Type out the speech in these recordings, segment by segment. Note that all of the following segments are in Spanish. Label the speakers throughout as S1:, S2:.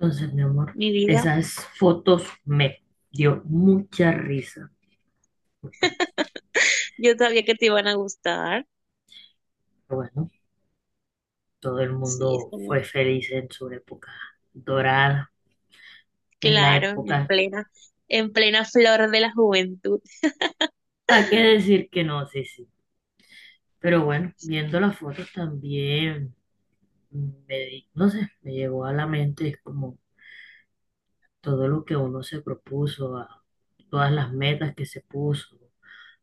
S1: Entonces, mi amor,
S2: Mi vida.
S1: esas fotos me dio mucha risa. Porque,
S2: Yo sabía que te iban a gustar.
S1: bueno, todo el
S2: Sí, es
S1: mundo fue
S2: como,
S1: feliz en su época dorada, en la
S2: claro,
S1: época,
S2: en plena flor de la juventud.
S1: ¿para qué decir que no? Sí, sí. Pero bueno, viendo las fotos también, me, no sé, me llegó a la mente como todo lo que uno se propuso, a todas las metas que se puso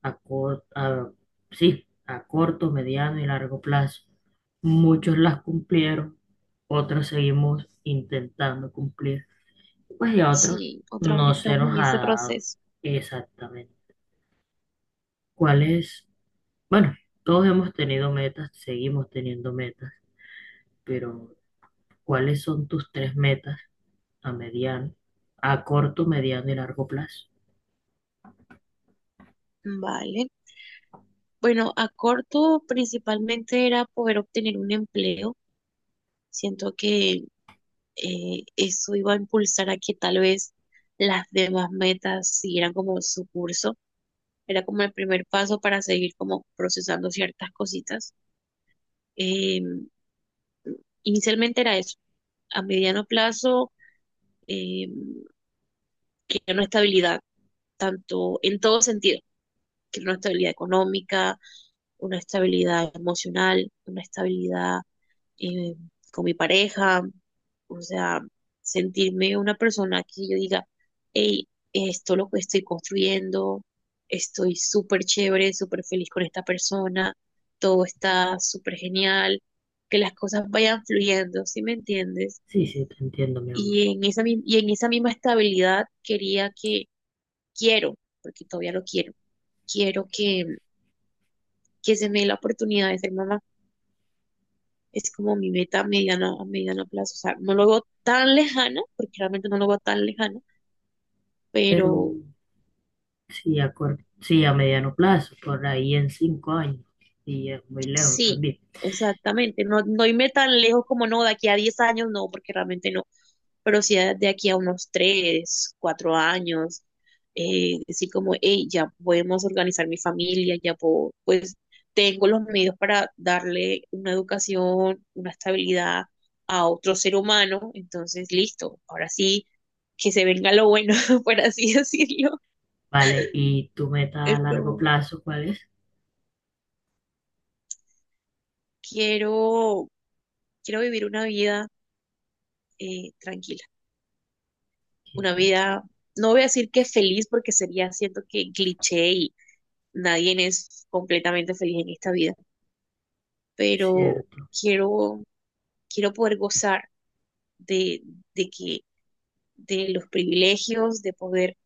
S1: a, sí, a corto, mediano y largo plazo. Muchos las cumplieron, otros seguimos intentando cumplir, pues y a otros
S2: Sí, otro aún
S1: no se
S2: estamos
S1: nos
S2: en
S1: ha
S2: ese
S1: dado
S2: proceso.
S1: exactamente. ¿Cuáles? Bueno, todos hemos tenido metas, seguimos teniendo metas, pero ¿cuáles son tus tres metas a mediano, a corto, mediano y largo plazo?
S2: Vale. Bueno, a corto principalmente era poder obtener un empleo. Siento que eso iba a impulsar a que tal vez las demás metas siguieran como su curso. Era como el primer paso para seguir como procesando ciertas cositas. Em, Inicialmente era eso, a mediano plazo, eh, que una estabilidad, tanto en todo sentido, que una estabilidad económica, una estabilidad emocional, una estabilidad eh, con mi pareja, o sea, sentirme una persona que yo diga, hey, esto lo que estoy construyendo, estoy súper chévere, súper feliz con esta persona, todo está súper genial, que las cosas vayan fluyendo, ¿sí me entiendes?
S1: Sí, sí, te entiendo, mi amor.
S2: Y en esa misma estabilidad quería que, quiero, porque todavía lo quiero, quiero que se me dé la oportunidad de ser mamá. Es como mi meta a mediano plazo. O sea, no lo veo tan lejana, porque realmente no lo veo tan lejana,
S1: Pero
S2: pero
S1: sí a, sí, a mediano plazo, por ahí en 5 años. Y es muy lejos
S2: sí,
S1: también.
S2: exactamente. No, no irme tan lejos como no, de aquí a 10 años, no, porque realmente no. Pero si a- de aquí a unos tres, cuatro años, decir como, hey, ya podemos organizar mi familia, ya puedo, pues tengo los medios para darle una educación, una estabilidad a otro ser humano, entonces listo, ahora sí, que se venga lo bueno, por así decirlo.
S1: Vale, ¿y tu meta a largo
S2: Esto,
S1: plazo cuál es?
S2: quiero, quiero vivir una vida tranquila, una
S1: Sí,
S2: vida, no voy a decir que feliz porque sería, siento que cliché y, nadie es completamente feliz en esta vida,
S1: es
S2: pero
S1: cierto.
S2: quiero, quiero poder gozar de, de que, de los privilegios, de poder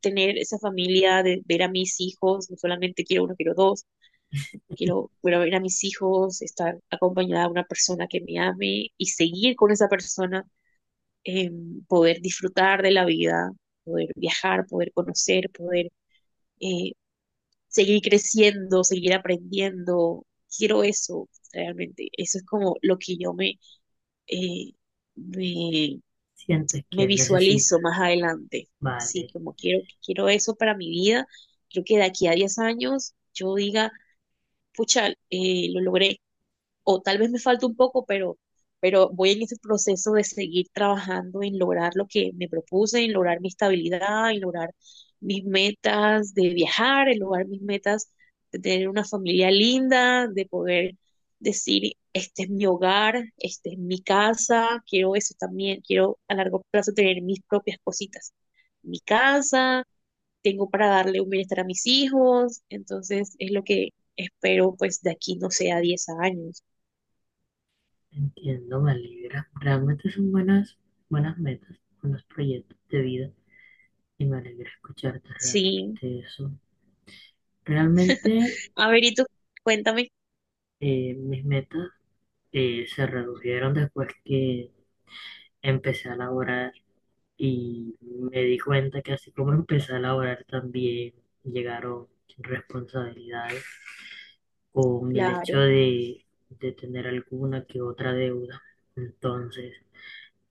S2: tener esa familia, de ver a mis hijos, no solamente quiero uno, quiero dos, quiero, quiero ver a mis hijos, estar acompañada de una persona que me ame y seguir con esa persona, eh, poder disfrutar de la vida, poder viajar, poder conocer, poder eh, seguir creciendo, seguir aprendiendo. Quiero eso, realmente. Eso es como lo que yo me, eh, me,
S1: Sientes
S2: me
S1: que necesitas.
S2: visualizo más adelante. Sí,
S1: Vale,
S2: como quiero, quiero eso para mi vida. Creo que de aquí a 10 años yo diga, pucha, lo logré, o tal vez me falta un poco, pero voy en ese proceso de seguir trabajando en lograr lo que me propuse, en lograr mi estabilidad, en lograr mis metas de viajar, en lograr mis metas de tener una familia linda, de poder decir, este es mi hogar, este es mi casa, quiero eso también, quiero a largo plazo tener mis propias cositas, mi casa, tengo para darle un bienestar a mis hijos, entonces es lo que espero pues de aquí, no sé, a 10 años.
S1: entiendo, me alegra. Realmente son buenas, buenas metas, buenos proyectos de vida. Y me alegra escucharte realmente
S2: Sí.
S1: eso. Realmente
S2: A ver, y tú cuéntame,
S1: mis metas se redujeron después que empecé a laborar. Y me di cuenta que así como empecé a laborar también llegaron responsabilidades con el hecho
S2: claro,
S1: de tener alguna que otra deuda. Entonces,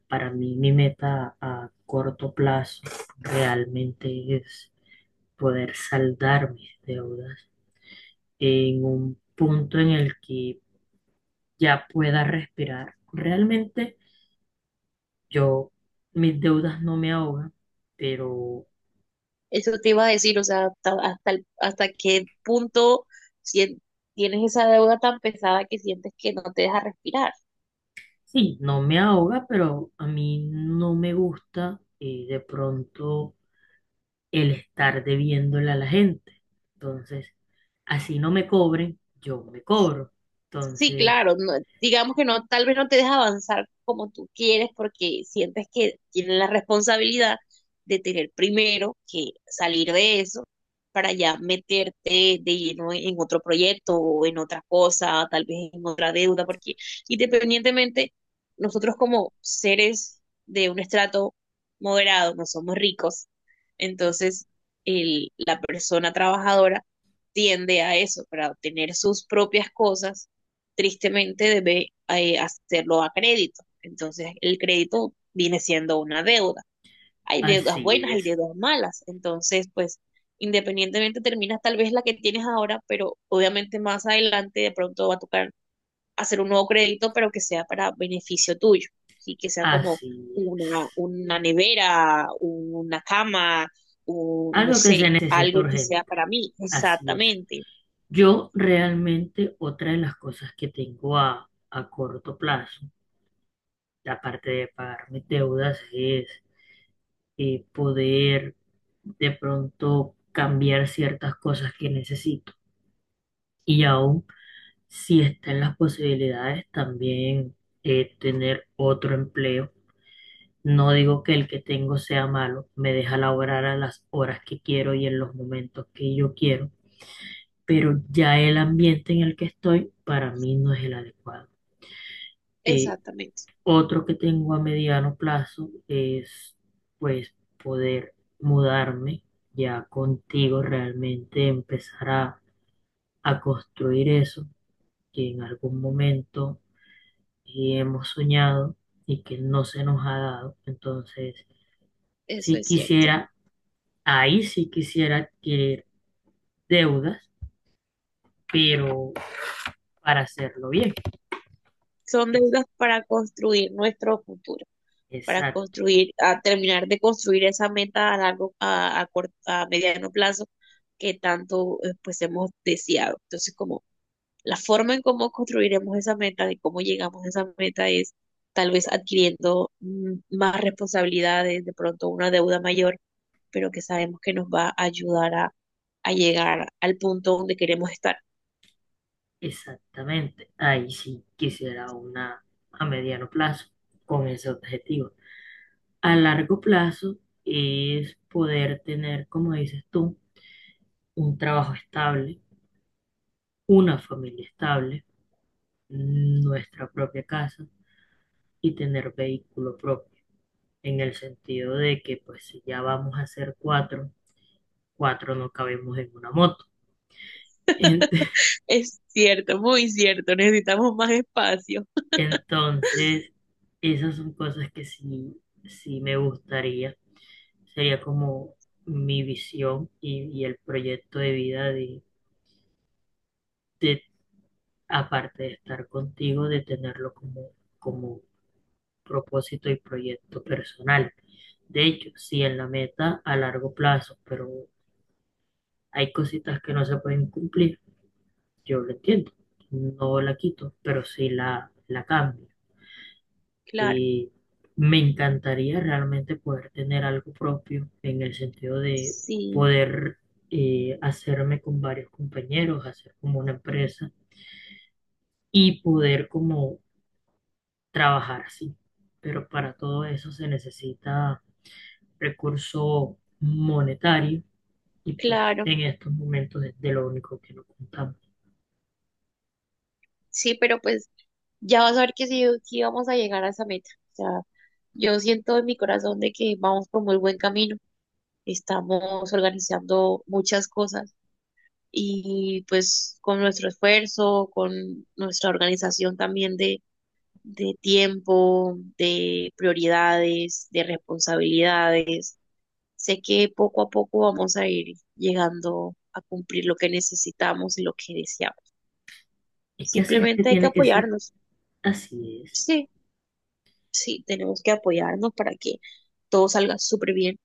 S1: para mí mi meta a corto plazo realmente es poder saldar mis deudas en un punto en el que ya pueda respirar. Realmente yo, mis deudas no me ahogan, pero
S2: eso te iba a decir, o sea, hasta, hasta, hasta qué punto sien- tienes esa deuda tan pesada que sientes que no te deja respirar.
S1: sí, no me ahoga, pero a mí no me gusta de pronto el estar debiéndole a la gente. Entonces, así no me cobren, yo me cobro.
S2: Sí,
S1: Entonces,
S2: claro, digamos que no, tal vez no te deja avanzar como tú quieres porque sientes que tienen la responsabilidad de tener primero que salir de eso para ya meterte de lleno en otro proyecto o en otra cosa, tal vez en otra deuda, porque independientemente, nosotros como seres de un estrato moderado no somos ricos, entonces el, la persona trabajadora tiende a eso, para obtener sus propias cosas tristemente debe hacerlo a crédito. Entonces, el crédito viene siendo una deuda. Hay deudas
S1: así
S2: buenas, hay
S1: es,
S2: deudas malas. Entonces, pues, independientemente terminas tal vez la que tienes ahora, pero obviamente más adelante de pronto va a tocar hacer un nuevo crédito, pero que sea para beneficio tuyo, y ¿sí? Que sea como
S1: así es.
S2: una nevera, una cama, un, no
S1: Algo que se
S2: sé,
S1: necesita
S2: algo que sea
S1: urgente,
S2: para mí.
S1: así es.
S2: Exactamente,
S1: Yo realmente otra de las cosas que tengo a corto plazo, aparte de pagar mis deudas, es poder de pronto cambiar ciertas cosas que necesito. Y aún si está en las posibilidades, también tener otro empleo. No digo que el que tengo sea malo, me deja laborar a las horas que quiero y en los momentos que yo quiero, pero ya el ambiente en el que estoy para mí no es el adecuado. Eh,
S2: exactamente,
S1: Otro que tengo a mediano plazo es pues poder mudarme ya contigo, realmente empezar a construir eso que en algún momento y hemos soñado y que no se nos ha dado. Entonces,
S2: eso
S1: sí
S2: es cierto.
S1: quisiera, ahí sí quisiera adquirir deudas, pero para hacerlo bien.
S2: Son
S1: Es-
S2: deudas para construir nuestro futuro, para
S1: Exacto,
S2: construir, a terminar de construir esa meta a largo, a, a mediano plazo que tanto pues hemos deseado. Entonces, como la forma en cómo construiremos esa meta, de cómo llegamos a esa meta es tal vez adquiriendo más responsabilidades, de pronto una deuda mayor, pero que sabemos que nos va a ayudar a llegar al punto donde queremos estar.
S1: exactamente. Ahí sí quisiera una a mediano plazo con ese objetivo. A largo plazo es poder tener, como dices tú, un trabajo estable, una familia estable, nuestra propia casa y tener vehículo propio, en el sentido de que pues si ya vamos a ser cuatro, cuatro no cabemos en una moto. Ent-
S2: Es cierto, muy cierto, necesitamos más espacio.
S1: Entonces, esas son cosas que sí, sí me gustaría, sería como mi visión y el proyecto de vida de, aparte de estar contigo, de tenerlo como, como propósito y proyecto personal. De hecho, sí en la meta a largo plazo, pero hay cositas que no se pueden cumplir, yo lo entiendo, no la quito, pero sí la cambio.
S2: Claro.
S1: Y me encantaría realmente poder tener algo propio en el sentido de
S2: Sí,
S1: poder hacerme con varios compañeros, hacer como una empresa y poder como trabajar así. Pero para todo eso se necesita recurso monetario y pues
S2: claro,
S1: en estos momentos es de lo único que no contamos.
S2: sí, pero pues ya vas a ver que sí, sí vamos a llegar a esa meta. O sea, yo siento en mi corazón de que vamos por muy buen camino. Estamos organizando muchas cosas y pues con nuestro esfuerzo, con nuestra organización también de tiempo, de prioridades, de responsabilidades, sé que poco a poco vamos a ir llegando a cumplir lo que necesitamos y lo que deseamos.
S1: Es que así es que
S2: Simplemente hay que
S1: tiene que ser,
S2: apoyarnos.
S1: así es.
S2: Sí, sí, tenemos que apoyarnos para que todo salga súper bien.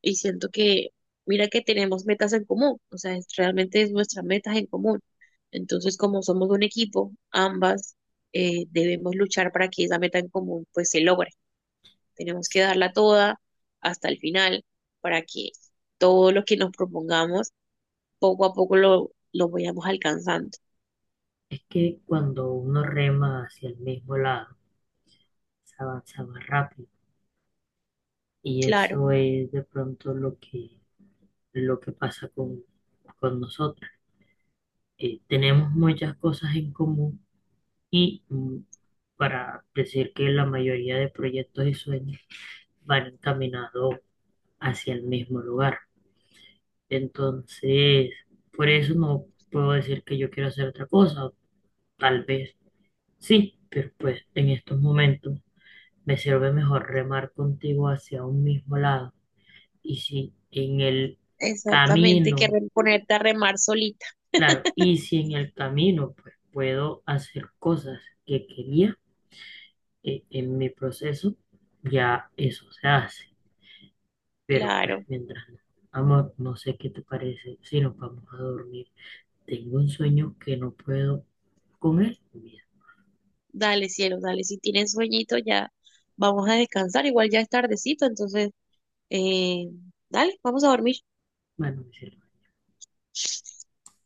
S2: Y siento que, mira que tenemos metas en común, o sea, realmente es nuestras metas en común. Entonces, como somos un equipo, ambas debemos luchar para que esa meta en común pues se logre. Tenemos que darla toda hasta el final para que todo lo que nos propongamos poco a poco lo vayamos alcanzando.
S1: Es que cuando uno rema hacia el mismo lado, se avanza más rápido. Y
S2: Claro,
S1: eso es de pronto lo que pasa con nosotros. Tenemos muchas cosas en común y para decir que la mayoría de proyectos y sueños van encaminados hacia el mismo lugar. Entonces, por eso no puedo decir que yo quiero hacer otra cosa. Tal vez sí, pero pues en estos momentos me sirve mejor remar contigo hacia un mismo lado. Y si en el
S2: exactamente, que
S1: camino,
S2: ponerte a remar solita,
S1: claro, y si en el camino pues puedo hacer cosas que quería en mi proceso, ya eso se hace. Pero pues
S2: claro.
S1: mientras no. Amor, no sé qué te parece si nos vamos a dormir. Tengo un sueño que no puedo con él.
S2: Dale, cielo, dale. Si tienes sueñito, ya vamos a descansar. Igual ya es tardecito, entonces, eh, dale, vamos a dormir.
S1: Bueno, mi cielo.